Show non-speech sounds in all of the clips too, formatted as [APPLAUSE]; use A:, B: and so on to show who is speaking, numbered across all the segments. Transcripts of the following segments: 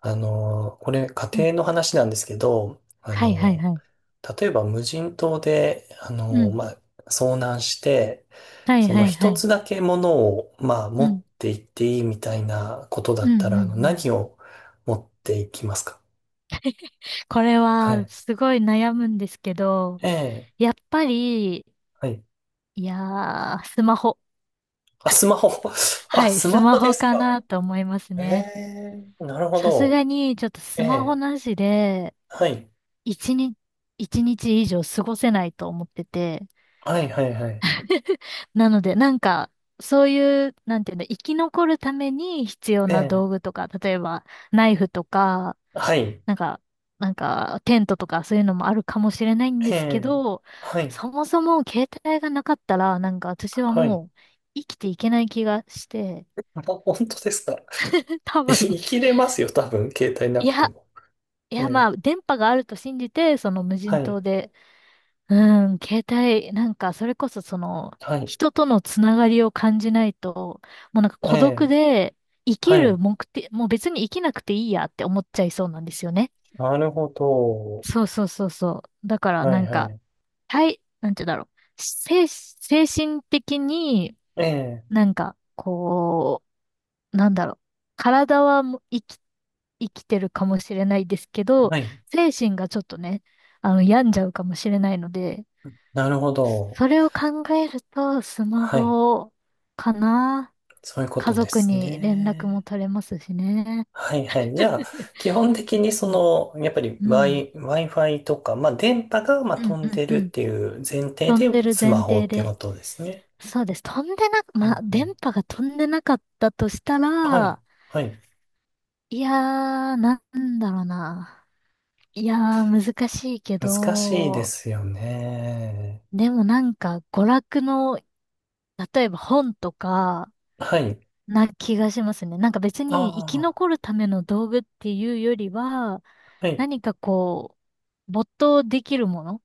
A: これ家
B: うん、
A: 庭の話なんですけど、
B: はいはいはい。
A: 例えば無人島で、
B: うん。
A: まあ、遭難して、
B: はい
A: その
B: はいは
A: 一
B: い。
A: つだけものを、まあ、
B: う
A: 持っ
B: ん。
A: て行っていいみたいなことだ
B: うん
A: っ
B: う
A: た
B: んう
A: ら、
B: ん。
A: 何を持っていきますか？
B: これ
A: は
B: は
A: い。
B: すごい悩むんですけど、
A: ええ、
B: やっぱり、
A: はい。
B: いやー、スマホ。
A: あ、スマホ。[LAUGHS] あ、
B: はい、
A: スマ
B: スマ
A: ホで
B: ホ
A: すか。
B: かなと思います
A: え
B: ね。
A: え、なるほ
B: さすが
A: ど。
B: にちょっとス
A: え
B: マホ
A: え、
B: なしで、
A: はい。
B: 一日、一日以上過ごせないと思ってて。
A: はい、はい、はい。
B: [LAUGHS] なので、なんか、そういう、なんていうの、生き残るために必要
A: え
B: な
A: え、
B: 道具とか、例えば、ナイフとか、
A: はい。
B: なんか、なんか、テントとかそういうのもあるかもしれないんで
A: え
B: すけ
A: え、
B: ど、
A: はい。
B: そもそも携帯がなかったら、なんか私は
A: はい。
B: もう生きていけない気がして、
A: あ、本当ですか。
B: [LAUGHS]
A: [LAUGHS]
B: 多分。
A: 生きれますよ、多分、携帯な
B: い
A: くて
B: や、
A: も。
B: いやま
A: え
B: あ、
A: え、
B: 電波があると信じて、その無
A: は
B: 人
A: い、
B: 島で、うん、携帯、なんか、それこそその、
A: はい、
B: 人とのつながりを感じないと、もうなんか
A: え
B: 孤独
A: え、
B: で、生き
A: は
B: る
A: い、
B: 目的、もう別に生きなくていいやって思っちゃいそうなんですよね。
A: なるほど。
B: そうそうそうそう。だから
A: は
B: な
A: い、
B: ん
A: は
B: か、
A: い、
B: はい、なんて言うんだろう。精神的に
A: ええ、
B: なんか、こう、なんだろう。体はもう生きてるかもしれないですけど、
A: はい、
B: 精神がちょっとね、病んじゃうかもしれないので、
A: なるほど。
B: それを考えると、スマ
A: はい、
B: ホかな。
A: そういうこ
B: 家
A: とで
B: 族
A: す
B: に連絡も
A: ね。
B: 取れますしね。
A: はい、はい。じゃあ、基本的に
B: う
A: そ
B: ん、
A: の、やっぱり
B: うん、
A: Wi-Fi とか、まあ、電波が、まあ、
B: うん、
A: 飛
B: う
A: んで
B: ん、う
A: るっ
B: ん。
A: ていう前提で
B: 飛んでる
A: ス
B: 前
A: マホ
B: 提
A: ってこ
B: で。
A: とですね。
B: そうです。飛んでな、
A: う
B: まあ、
A: んう
B: 電
A: ん、
B: 波が飛んでなかったとした
A: はい、
B: ら、
A: はい。
B: いやー、なんだろうな。いやー、難しいけ
A: 難しいで
B: ど、
A: すよね。
B: でもなんか、娯楽の、例えば本とか、
A: はい。
B: な気がしますね。なんか別
A: あ
B: に生き
A: あ、
B: 残るための道具っていうよりは、
A: はい。
B: 何かこう、没頭できるもの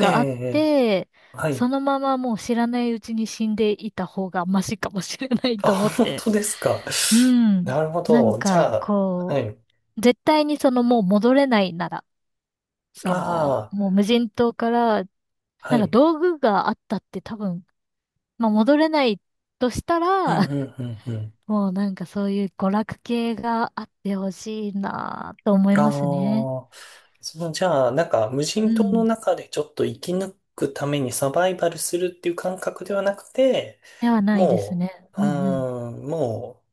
A: ええ、
B: あっ
A: ええ、
B: て、
A: は
B: そ
A: い。
B: のままもう知らないうちに死んでいた方がマシかもしれない
A: あ、
B: と思っ
A: 本
B: て。
A: 当ですか。
B: うん。
A: なるほ
B: なん
A: ど。じ
B: か、
A: ゃあ、は
B: こ
A: い。
B: う、絶対にそのもう戻れないなら、その、
A: あ
B: もう無人島から、
A: あ、は
B: なんか
A: い。
B: 道具があったって多分、まあ戻れないとした
A: うん、
B: ら、[LAUGHS]
A: うん、うん、うん。
B: もうなんかそういう娯楽系があってほしいなと思い
A: あ
B: ますね。
A: あ、じゃあ、なんか、無
B: う
A: 人島の
B: ん。
A: 中でちょっと生き抜くためにサバイバルするっていう感覚ではなくて、
B: ではないです
A: も
B: ね。
A: う、
B: うんうん。
A: も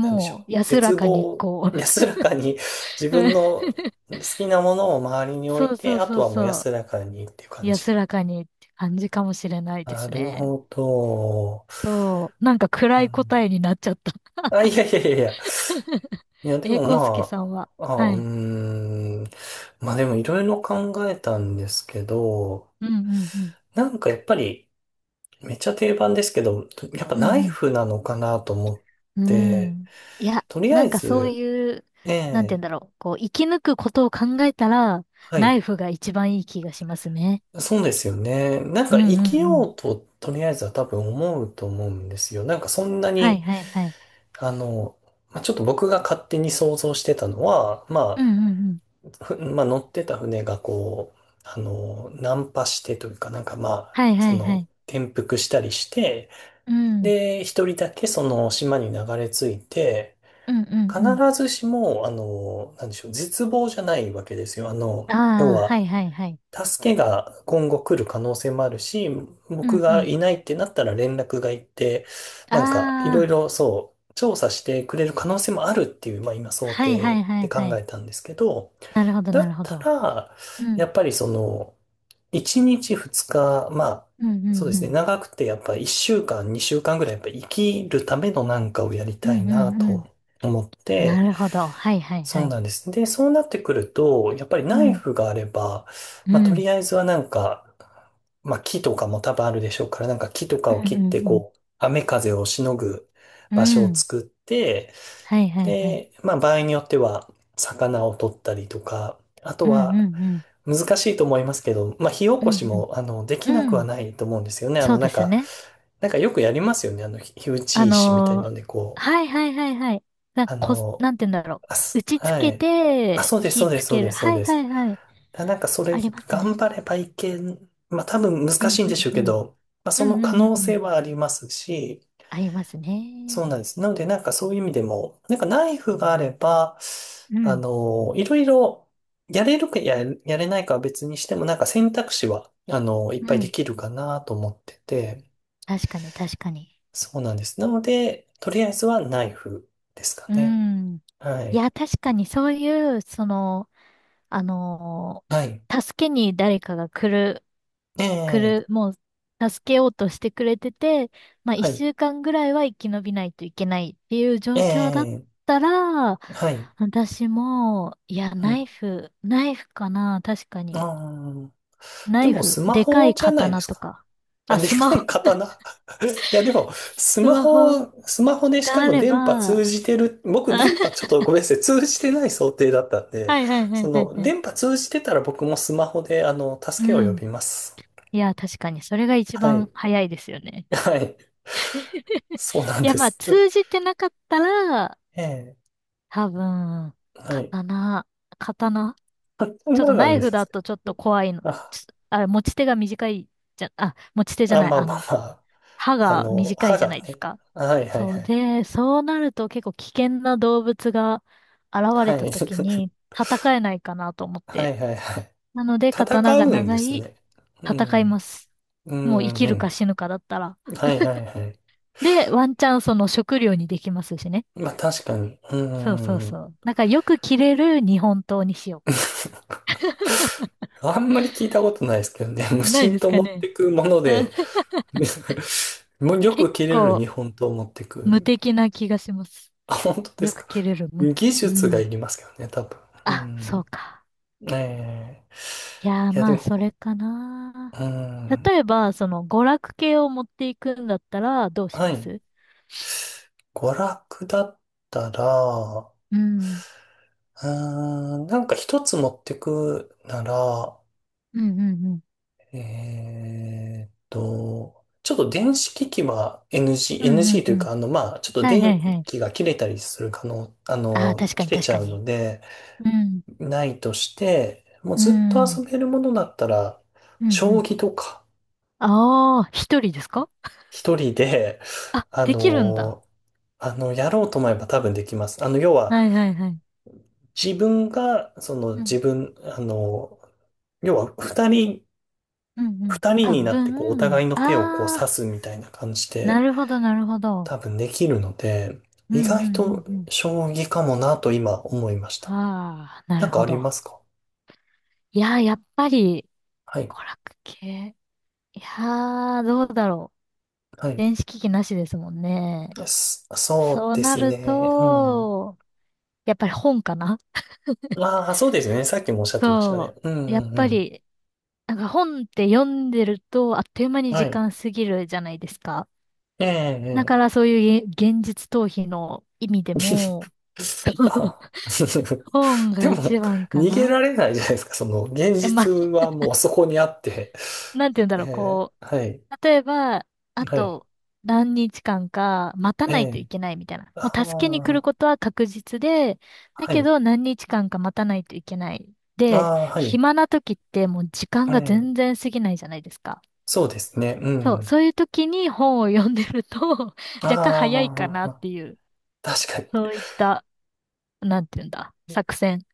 A: う、なんでしょう。
B: う安ら
A: 絶
B: かに
A: 望、
B: こう。
A: 安らかに自分の
B: [LAUGHS]
A: 好きなものを周りに置
B: そ
A: い
B: うそ
A: て、
B: う
A: あ
B: そ
A: と
B: う
A: はもう
B: そう。
A: 安らかにっていう感じ。
B: 安らかにって感じかもしれないで
A: な
B: す
A: る
B: ね。
A: ほど。
B: そう。なんか
A: う
B: 暗い
A: ん、
B: 答えになっちゃった。
A: あ、いやいやいやいや。
B: [LAUGHS]
A: いや、でも
B: 康介
A: ま
B: さんは？
A: あ、あ、
B: は
A: うー
B: い。
A: ん。まあでもいろいろ考えたんですけど、
B: うんうんうん。
A: なんかやっぱり、めっちゃ定番ですけど、やっぱ
B: う
A: ナ
B: んう
A: イ
B: ん。
A: フなのかなと思っ
B: う
A: て、
B: ん。いや、
A: とりあ
B: な
A: え
B: んかそう
A: ず、
B: いう、
A: え
B: なんて言うん
A: え、
B: だろう。こう、生き抜くことを考えたら、
A: は
B: ナ
A: い、
B: イフが一番いい気がしますね。
A: そうですよね。なん
B: う
A: か
B: んう
A: 生き
B: んうん。
A: ようと、とりあえずは多分思うと思うんですよ。なんかそんな
B: はい
A: に、
B: はいはい。
A: あの、まあ、ちょっと僕が勝手に想像してたのは、
B: うんうんうん。
A: [LAUGHS] まあ、乗ってた船がこう、難破してというか、なんかまあ、
B: はいはいはい。
A: 転覆したりして、
B: うん。
A: で、一人だけその島に流れ着いて、
B: うんうん
A: 必
B: うん。
A: ずしも、なんでしょう、絶望じゃないわけですよ。要
B: ああ、は
A: は、
B: いはいはい。
A: 助けが今後来る可能性もあるし、
B: う
A: 僕
B: んう
A: が
B: ん。
A: いないってなったら連絡が行って、
B: あ
A: なんか、いろい
B: あ、
A: ろそう、調査してくれる可能性もあるっていう、まあ今想
B: はいはい
A: 定
B: は
A: で
B: いは
A: 考
B: い。
A: えたんですけど、
B: なるほど
A: だ
B: なる
A: っ
B: ほ
A: た
B: ど。
A: ら、
B: う
A: や
B: ん。
A: っぱりその、1日2日、まあ、
B: うんう
A: そう
B: ん
A: で
B: う
A: すね、
B: ん。
A: 長くてやっぱ1週間、2週間ぐらいやっぱ生きるためのなんかをやり
B: うん
A: たい
B: う
A: な
B: んう
A: と
B: ん。
A: 思っ
B: な
A: て、
B: るほど。はいはいは
A: そう
B: い。
A: なんです。で、そうなってくると、やっぱり
B: う
A: ナイ
B: ん。
A: フがあれば、
B: う
A: まあ、と
B: ん。
A: りあえずはなんか、まあ、木とかも多分あるでしょうから、なんか木と
B: う
A: か
B: ん
A: を切って、
B: うん
A: こう、雨風をしのぐ
B: うん。
A: 場所
B: う
A: を
B: ん。
A: 作って、
B: はいはいはい。
A: で、まあ場合によっては魚を取ったりとか、あと
B: うんうん
A: は
B: うん。
A: 難しいと思いますけど、まあ火起
B: う
A: こし
B: んうん。
A: もできな
B: う
A: くは
B: ん。
A: ないと思うんですよね。あ
B: そ
A: の
B: う
A: な
B: で
A: ん
B: す
A: か、
B: ね。
A: なんかよくやりますよね。あの火火打
B: あ
A: ち石みたい
B: の
A: の
B: ー
A: でこ
B: は
A: う、
B: いはいはいはい。なんか
A: あ
B: こす、
A: の、
B: なんて言うんだろ
A: あ
B: う。打
A: す、
B: ちつ
A: は
B: け
A: い。あ、
B: て、
A: そうです、そ
B: 火
A: うで
B: つ
A: す、そう
B: け
A: で
B: る。
A: す、そう
B: はい
A: で
B: は
A: す。
B: いはい。
A: だなんかそ
B: あ
A: れ
B: ります
A: 頑
B: ね。
A: 張ればいけん、まあ多分
B: う
A: 難し
B: ん
A: いん
B: う
A: でし
B: ん
A: ょう
B: う
A: け
B: ん。
A: ど、まあ
B: う
A: その
B: んう
A: 可
B: んうん
A: 能
B: うん。
A: 性はありますし、
B: ありますね。
A: そうなんです。なので、なんかそういう意味でも、なんかナイフがあれば、
B: うん。
A: いろいろ、やれるかや、やれないかは別にしても、なんか選択肢は、いっ
B: う
A: ぱいで
B: ん。
A: きるかなと思ってて、
B: 確かに確かに。
A: そうなんです。なので、とりあえずはナイフですか
B: う
A: ね。
B: ん。
A: は
B: い
A: い。
B: や、確かにそういう、その、あのー
A: はい。
B: 助けに誰かが来る
A: え
B: く
A: え、
B: る、もう助けようとしてくれてて、まあ
A: は
B: 一
A: い。
B: 週間ぐらいは生き延びないといけないっていう
A: え
B: 状況だっ
A: え、
B: たら、
A: はい。
B: 私も、いや、
A: う
B: ナイ
A: ん。
B: フ、ナイフかな、確かに。
A: あー、
B: ナ
A: で
B: イ
A: も、ス
B: フ、
A: マ
B: でか
A: ホ
B: い
A: じゃないで
B: 刀
A: す
B: と
A: か。
B: か。
A: あ、
B: あ、
A: で
B: スマ
A: かい
B: ホ、[LAUGHS]
A: 刀。いや、でも、ス
B: ス
A: マ
B: マホ
A: ホ、スマホでし
B: が
A: か
B: あ
A: も
B: れば、
A: 電波
B: あ
A: 通じてる、僕
B: [LAUGHS]
A: 電波ちょっとごめんなさい、通じてない想定だったんで、
B: はいはいは
A: そ
B: いはい
A: の、
B: はい。
A: 電波通じてたら僕もスマホで、あの、
B: う
A: 助けを呼
B: ん。
A: びます。
B: いや、確かに、それが一
A: は
B: 番
A: い。
B: 早いですよね。
A: [LAUGHS] はい。そうなん
B: いや、
A: で
B: まあ、
A: す。[LAUGHS]
B: 通じてなかったら、
A: ええ。
B: 多分、
A: はい。
B: 刀、刀、
A: あ、そん
B: ちょっと
A: なな
B: ナ
A: ん
B: イ
A: で
B: フだ
A: す。
B: とちょっと怖いの。
A: あ、
B: ちょあれ、持ち手が短いじゃ、あ、持ち手
A: あ、
B: じゃない、
A: まあ
B: あ
A: ま
B: の、
A: あまあ。
B: 歯
A: あ
B: が
A: の、
B: 短い
A: 歯
B: じゃな
A: が
B: いです
A: ね。
B: か。
A: はいはい
B: そ
A: は
B: う
A: い。
B: で、そうなると結構危険な動物が現
A: は
B: れた
A: い。
B: 時
A: [LAUGHS]
B: に戦えないかなと思っ
A: は
B: て。
A: いはいはい。
B: なので、刀
A: 戦
B: が
A: うん
B: 長
A: です
B: い、
A: ね。う
B: 戦い
A: ん。
B: ます。
A: う
B: もう生
A: ん
B: き
A: う
B: るか
A: ん。
B: 死ぬかだったら。
A: はいはいはい。
B: で、ワンチャンその食料にできますしね。
A: まあ確かに。う
B: そうそう
A: ー
B: そ
A: ん。
B: う。なんかよく切れる日本刀にしよ
A: [LAUGHS] あんまり聞いたことないですけどね。[LAUGHS] 無
B: う。ない
A: 心
B: です
A: と
B: か
A: 持っ
B: ね。
A: てくもので、
B: [LAUGHS]
A: [LAUGHS] もうよ
B: 結
A: く切れる
B: 構
A: 日本刀を持ってく
B: 無
A: みた
B: 敵
A: い
B: な気がします。
A: な。あ、本当で
B: よ
A: す
B: く
A: か。
B: 切れる。む
A: 技
B: う
A: 術が
B: ん。
A: いりますけどね、多分。う
B: あ、そう
A: ん。
B: か。
A: え
B: いや
A: え、
B: ー、
A: いや、
B: ま
A: で
B: あ、そ
A: も、
B: れかな。
A: うん。
B: 例えば、その、娯楽系を持っていくんだったら、どうし
A: は
B: ま
A: い。
B: す？
A: 娯楽だったら、
B: うん。うん
A: うん、なんか一つ持ってくなら、
B: うんうん。
A: ちょっと電子機器は NG、
B: うんう
A: NG
B: ん
A: とい
B: う
A: う
B: ん。
A: か、まあ、ちょっと
B: はいは
A: 電
B: いはい。
A: 気が切れたりする可能、あ
B: ああ、
A: の、
B: 確か
A: 切
B: に
A: れ
B: 確
A: ち
B: か
A: ゃうの
B: に。
A: で、
B: うん。
A: ないとして、もう
B: う
A: ずっと遊
B: ん。
A: べるものだったら、
B: うんう
A: 将
B: ん。
A: 棋とか、
B: ああ、一人ですか？
A: 一人で、
B: あ、
A: あ
B: できるんだ。
A: の、あの、やろうと思えば多分できます。あの、要は、
B: はいはいはい。
A: 自分が、その、
B: う
A: 自
B: ん。
A: 分、あの、要は、二人、
B: うんうん。
A: 二人
B: あ、
A: になって、こう、お互
B: 分。
A: いの手をこう、指
B: ああ、
A: すみたいな感じ
B: な
A: で、
B: るほどなるほど。
A: 多分できるので、
B: うんう
A: 意外と
B: んうんうん。
A: 将棋かもなと今思いました。
B: ああ、な
A: な
B: る
A: んか
B: ほ
A: ありま
B: ど。
A: すか？
B: いやー、やっぱり、
A: はい。
B: 娯楽系。いやー、どうだろう。
A: はい。
B: 電子機器なしですもんね。
A: そ
B: そ
A: う
B: う
A: で
B: な
A: す
B: る
A: ね。うん。
B: と、やっぱり本かな？
A: ああ、そうですね。さっきもおっしゃってましたね。
B: そ
A: うん
B: う。や
A: う
B: っ
A: んう
B: ぱ
A: ん。
B: り、なんか本って読んでると、あっという間に
A: は
B: 時
A: い。
B: 間過ぎるじゃないですか。
A: ええ
B: だか
A: ええ。
B: らそういうげ現実逃避の意味でも、
A: [LAUGHS] あ
B: 本
A: [LAUGHS]
B: が
A: でも、
B: 一番か
A: 逃げら
B: な。
A: れないじゃないですか。その、現
B: え、ま
A: 実
B: あ、
A: はもうそこにあって。
B: なんて言うんだろう、
A: え
B: こ
A: え、はい。
B: う、例えば、あ
A: はい。
B: と何日間か待た
A: え
B: ないとい
A: え、
B: けないみたいな。も
A: あ
B: う助けに来る
A: あ、
B: ことは確実で、だ
A: は
B: け
A: い。
B: ど何日間か待たないといけない。で、
A: ああ、はい。
B: 暇な時ってもう時間が
A: え
B: 全
A: え、
B: 然過ぎないじゃないですか。
A: そうですね。う
B: そう、
A: ん。
B: そういう時に本を読んでると [LAUGHS] 若干早いか
A: あ
B: なっ
A: あ、
B: ていう、
A: 確かに。
B: そういった、なんていうんだ、作戦。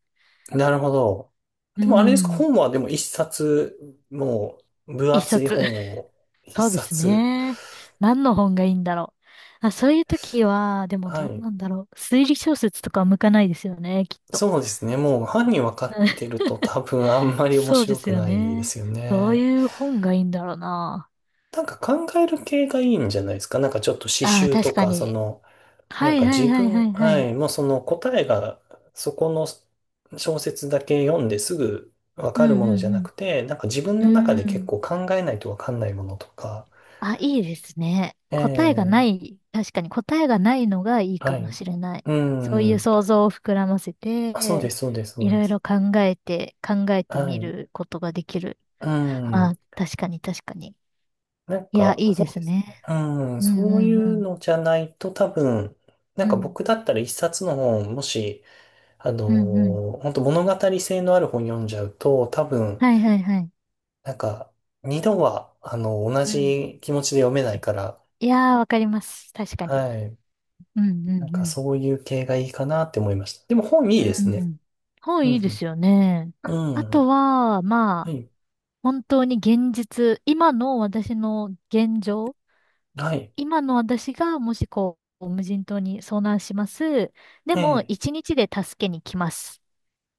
A: なるほど。
B: う
A: でもあれですか、
B: ん、
A: 本はでも一冊、もう分
B: 一
A: 厚い
B: 冊。
A: 本を一
B: そうです
A: 冊。
B: ね。何の本がいいんだろう。あ、そういう時は、でも
A: は
B: どう
A: い。
B: なんだろう。推理小説とかは向かないですよね、きっと。
A: そうですね。もう犯人分か
B: [LAUGHS]
A: っ
B: うん、
A: てると多分あんまり面
B: そうで
A: 白
B: す
A: く
B: よ
A: ないで
B: ね。
A: すよ
B: どう
A: ね。
B: いう本がいいんだろうな。
A: なんか考える系がいいんじゃないですか？なんかちょっと詩
B: ああ、
A: 集と
B: 確か
A: か、そ
B: に。
A: の、な
B: は
A: ん
B: い
A: か
B: は
A: 自
B: いはいは
A: 分、
B: いは
A: は
B: い。
A: い、もうその答えがそこの小説だけ読んですぐわ
B: う
A: かるもの
B: ん
A: じゃなくて、なんか自分
B: うんう
A: の中で
B: ん。う
A: 結
B: ん。
A: 構考えないとわかんないものとか、
B: あ、いいですね。
A: え
B: 答えがな
A: え、
B: い、確かに答えがないのがいいか
A: は
B: も
A: い。
B: しれない。
A: う
B: そうい
A: ん。
B: う想像を膨らませ
A: あ、そうで
B: て、
A: す、そうです、そ
B: い
A: うで
B: ろい
A: す。
B: ろ考えて、考えて
A: は
B: み
A: い。
B: ることができる。
A: うん。
B: あ、確かに確かに。
A: なん
B: いや、
A: か、
B: いい
A: そ
B: で
A: う
B: す
A: です
B: ね。
A: ね。うん。
B: うん
A: そうい
B: うんう
A: う
B: ん。
A: のじゃないと多分、なん
B: う
A: か
B: ん。
A: 僕だったら一冊の本、もし、
B: うんうん。
A: 本当物語性のある本読んじゃうと、多分、
B: はいはいはい。
A: なんか、二度は、同
B: うん。
A: じ気持ちで読めないから、
B: いやー、わかります。確かに。
A: はい。
B: うん
A: なんか、
B: うん
A: そういう系がいいかなって思いました。でも、本い
B: う
A: いで
B: ん。
A: す
B: う
A: ね。
B: ん。本
A: う
B: いいです
A: ん。
B: よね。
A: う
B: あと
A: ん。
B: は、ま
A: は
B: あ、
A: い。
B: 本当に現実、今の私の現状、
A: はい。
B: 今の私がもしこう、無人島に遭難します。で
A: え
B: も、
A: え。
B: 一日で助けに来ます。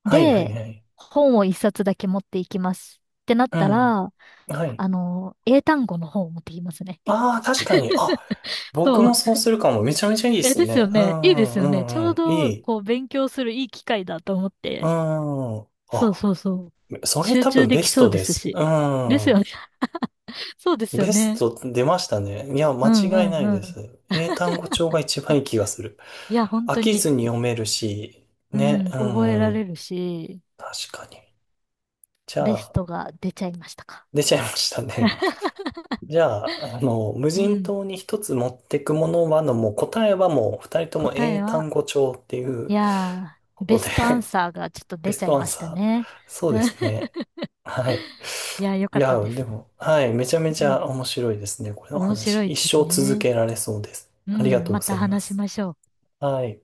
A: はい、はい、
B: で、
A: はい。
B: 本を一冊だけ持っていきます。ってなっ
A: う
B: た
A: ん。
B: ら、
A: はい。
B: 英単語の本を持ってきますね。
A: ああ、確かに。あ、僕
B: そ
A: も
B: う。
A: そうするかも。めちゃめちゃいいで
B: え、
A: す
B: ですよ
A: ね。う
B: ね。いいで
A: ん、
B: す
A: う
B: よ
A: ん、
B: ね。
A: う
B: ち
A: ん、
B: ょう
A: うん。い
B: ど、
A: い。
B: こう、勉強するいい機会だと思っ
A: う
B: て。
A: ん。
B: そう
A: あ、
B: そうそう。
A: それ
B: 集
A: 多
B: 中
A: 分
B: で
A: ベ
B: き
A: ス
B: そ
A: ト
B: うで
A: で
B: す
A: す。
B: し。
A: う
B: ですよ
A: ん。
B: ね。[LAUGHS] そうですよ
A: ベス
B: ね。
A: ト出ましたね。いや、間
B: う
A: 違い
B: んうん
A: ない
B: う
A: で
B: ん。
A: す。英単語帳が一番
B: あ
A: いい気がする。
B: いや、本
A: 飽
B: 当
A: き
B: に。
A: ずに読めるし、
B: う
A: ね、
B: ん、
A: う
B: 覚えられ
A: ん、
B: るし、
A: 確かに。じゃ
B: ベス
A: あ、
B: トが出ちゃいましたか。
A: 出ちゃいましたね。
B: [LAUGHS]
A: じゃあ、無
B: う
A: 人
B: ん、
A: 島に一つ持ってくものはの、もう答えはもう二人とも
B: 答
A: 英
B: えは、
A: 単語帳ってい
B: い
A: う
B: や
A: こ
B: ー、ベ
A: とで
B: ストアンサーがちょっと
A: ベ
B: 出
A: ス
B: ちゃい
A: トアン
B: ました
A: サー。
B: ね。
A: そうです
B: [LAUGHS]
A: ね。はい。
B: いやー、よ
A: い
B: かった
A: や、
B: で
A: で
B: す。
A: も、はい。めちゃめ
B: う
A: ち
B: ん、
A: ゃ面白いですね。これの
B: 面
A: 話。
B: 白い
A: 一
B: です
A: 生続
B: ね。
A: けられそうです。
B: う
A: ありが
B: ん、
A: とう
B: ま
A: ござ
B: た
A: いま
B: 話し
A: す。
B: ましょう。
A: はい。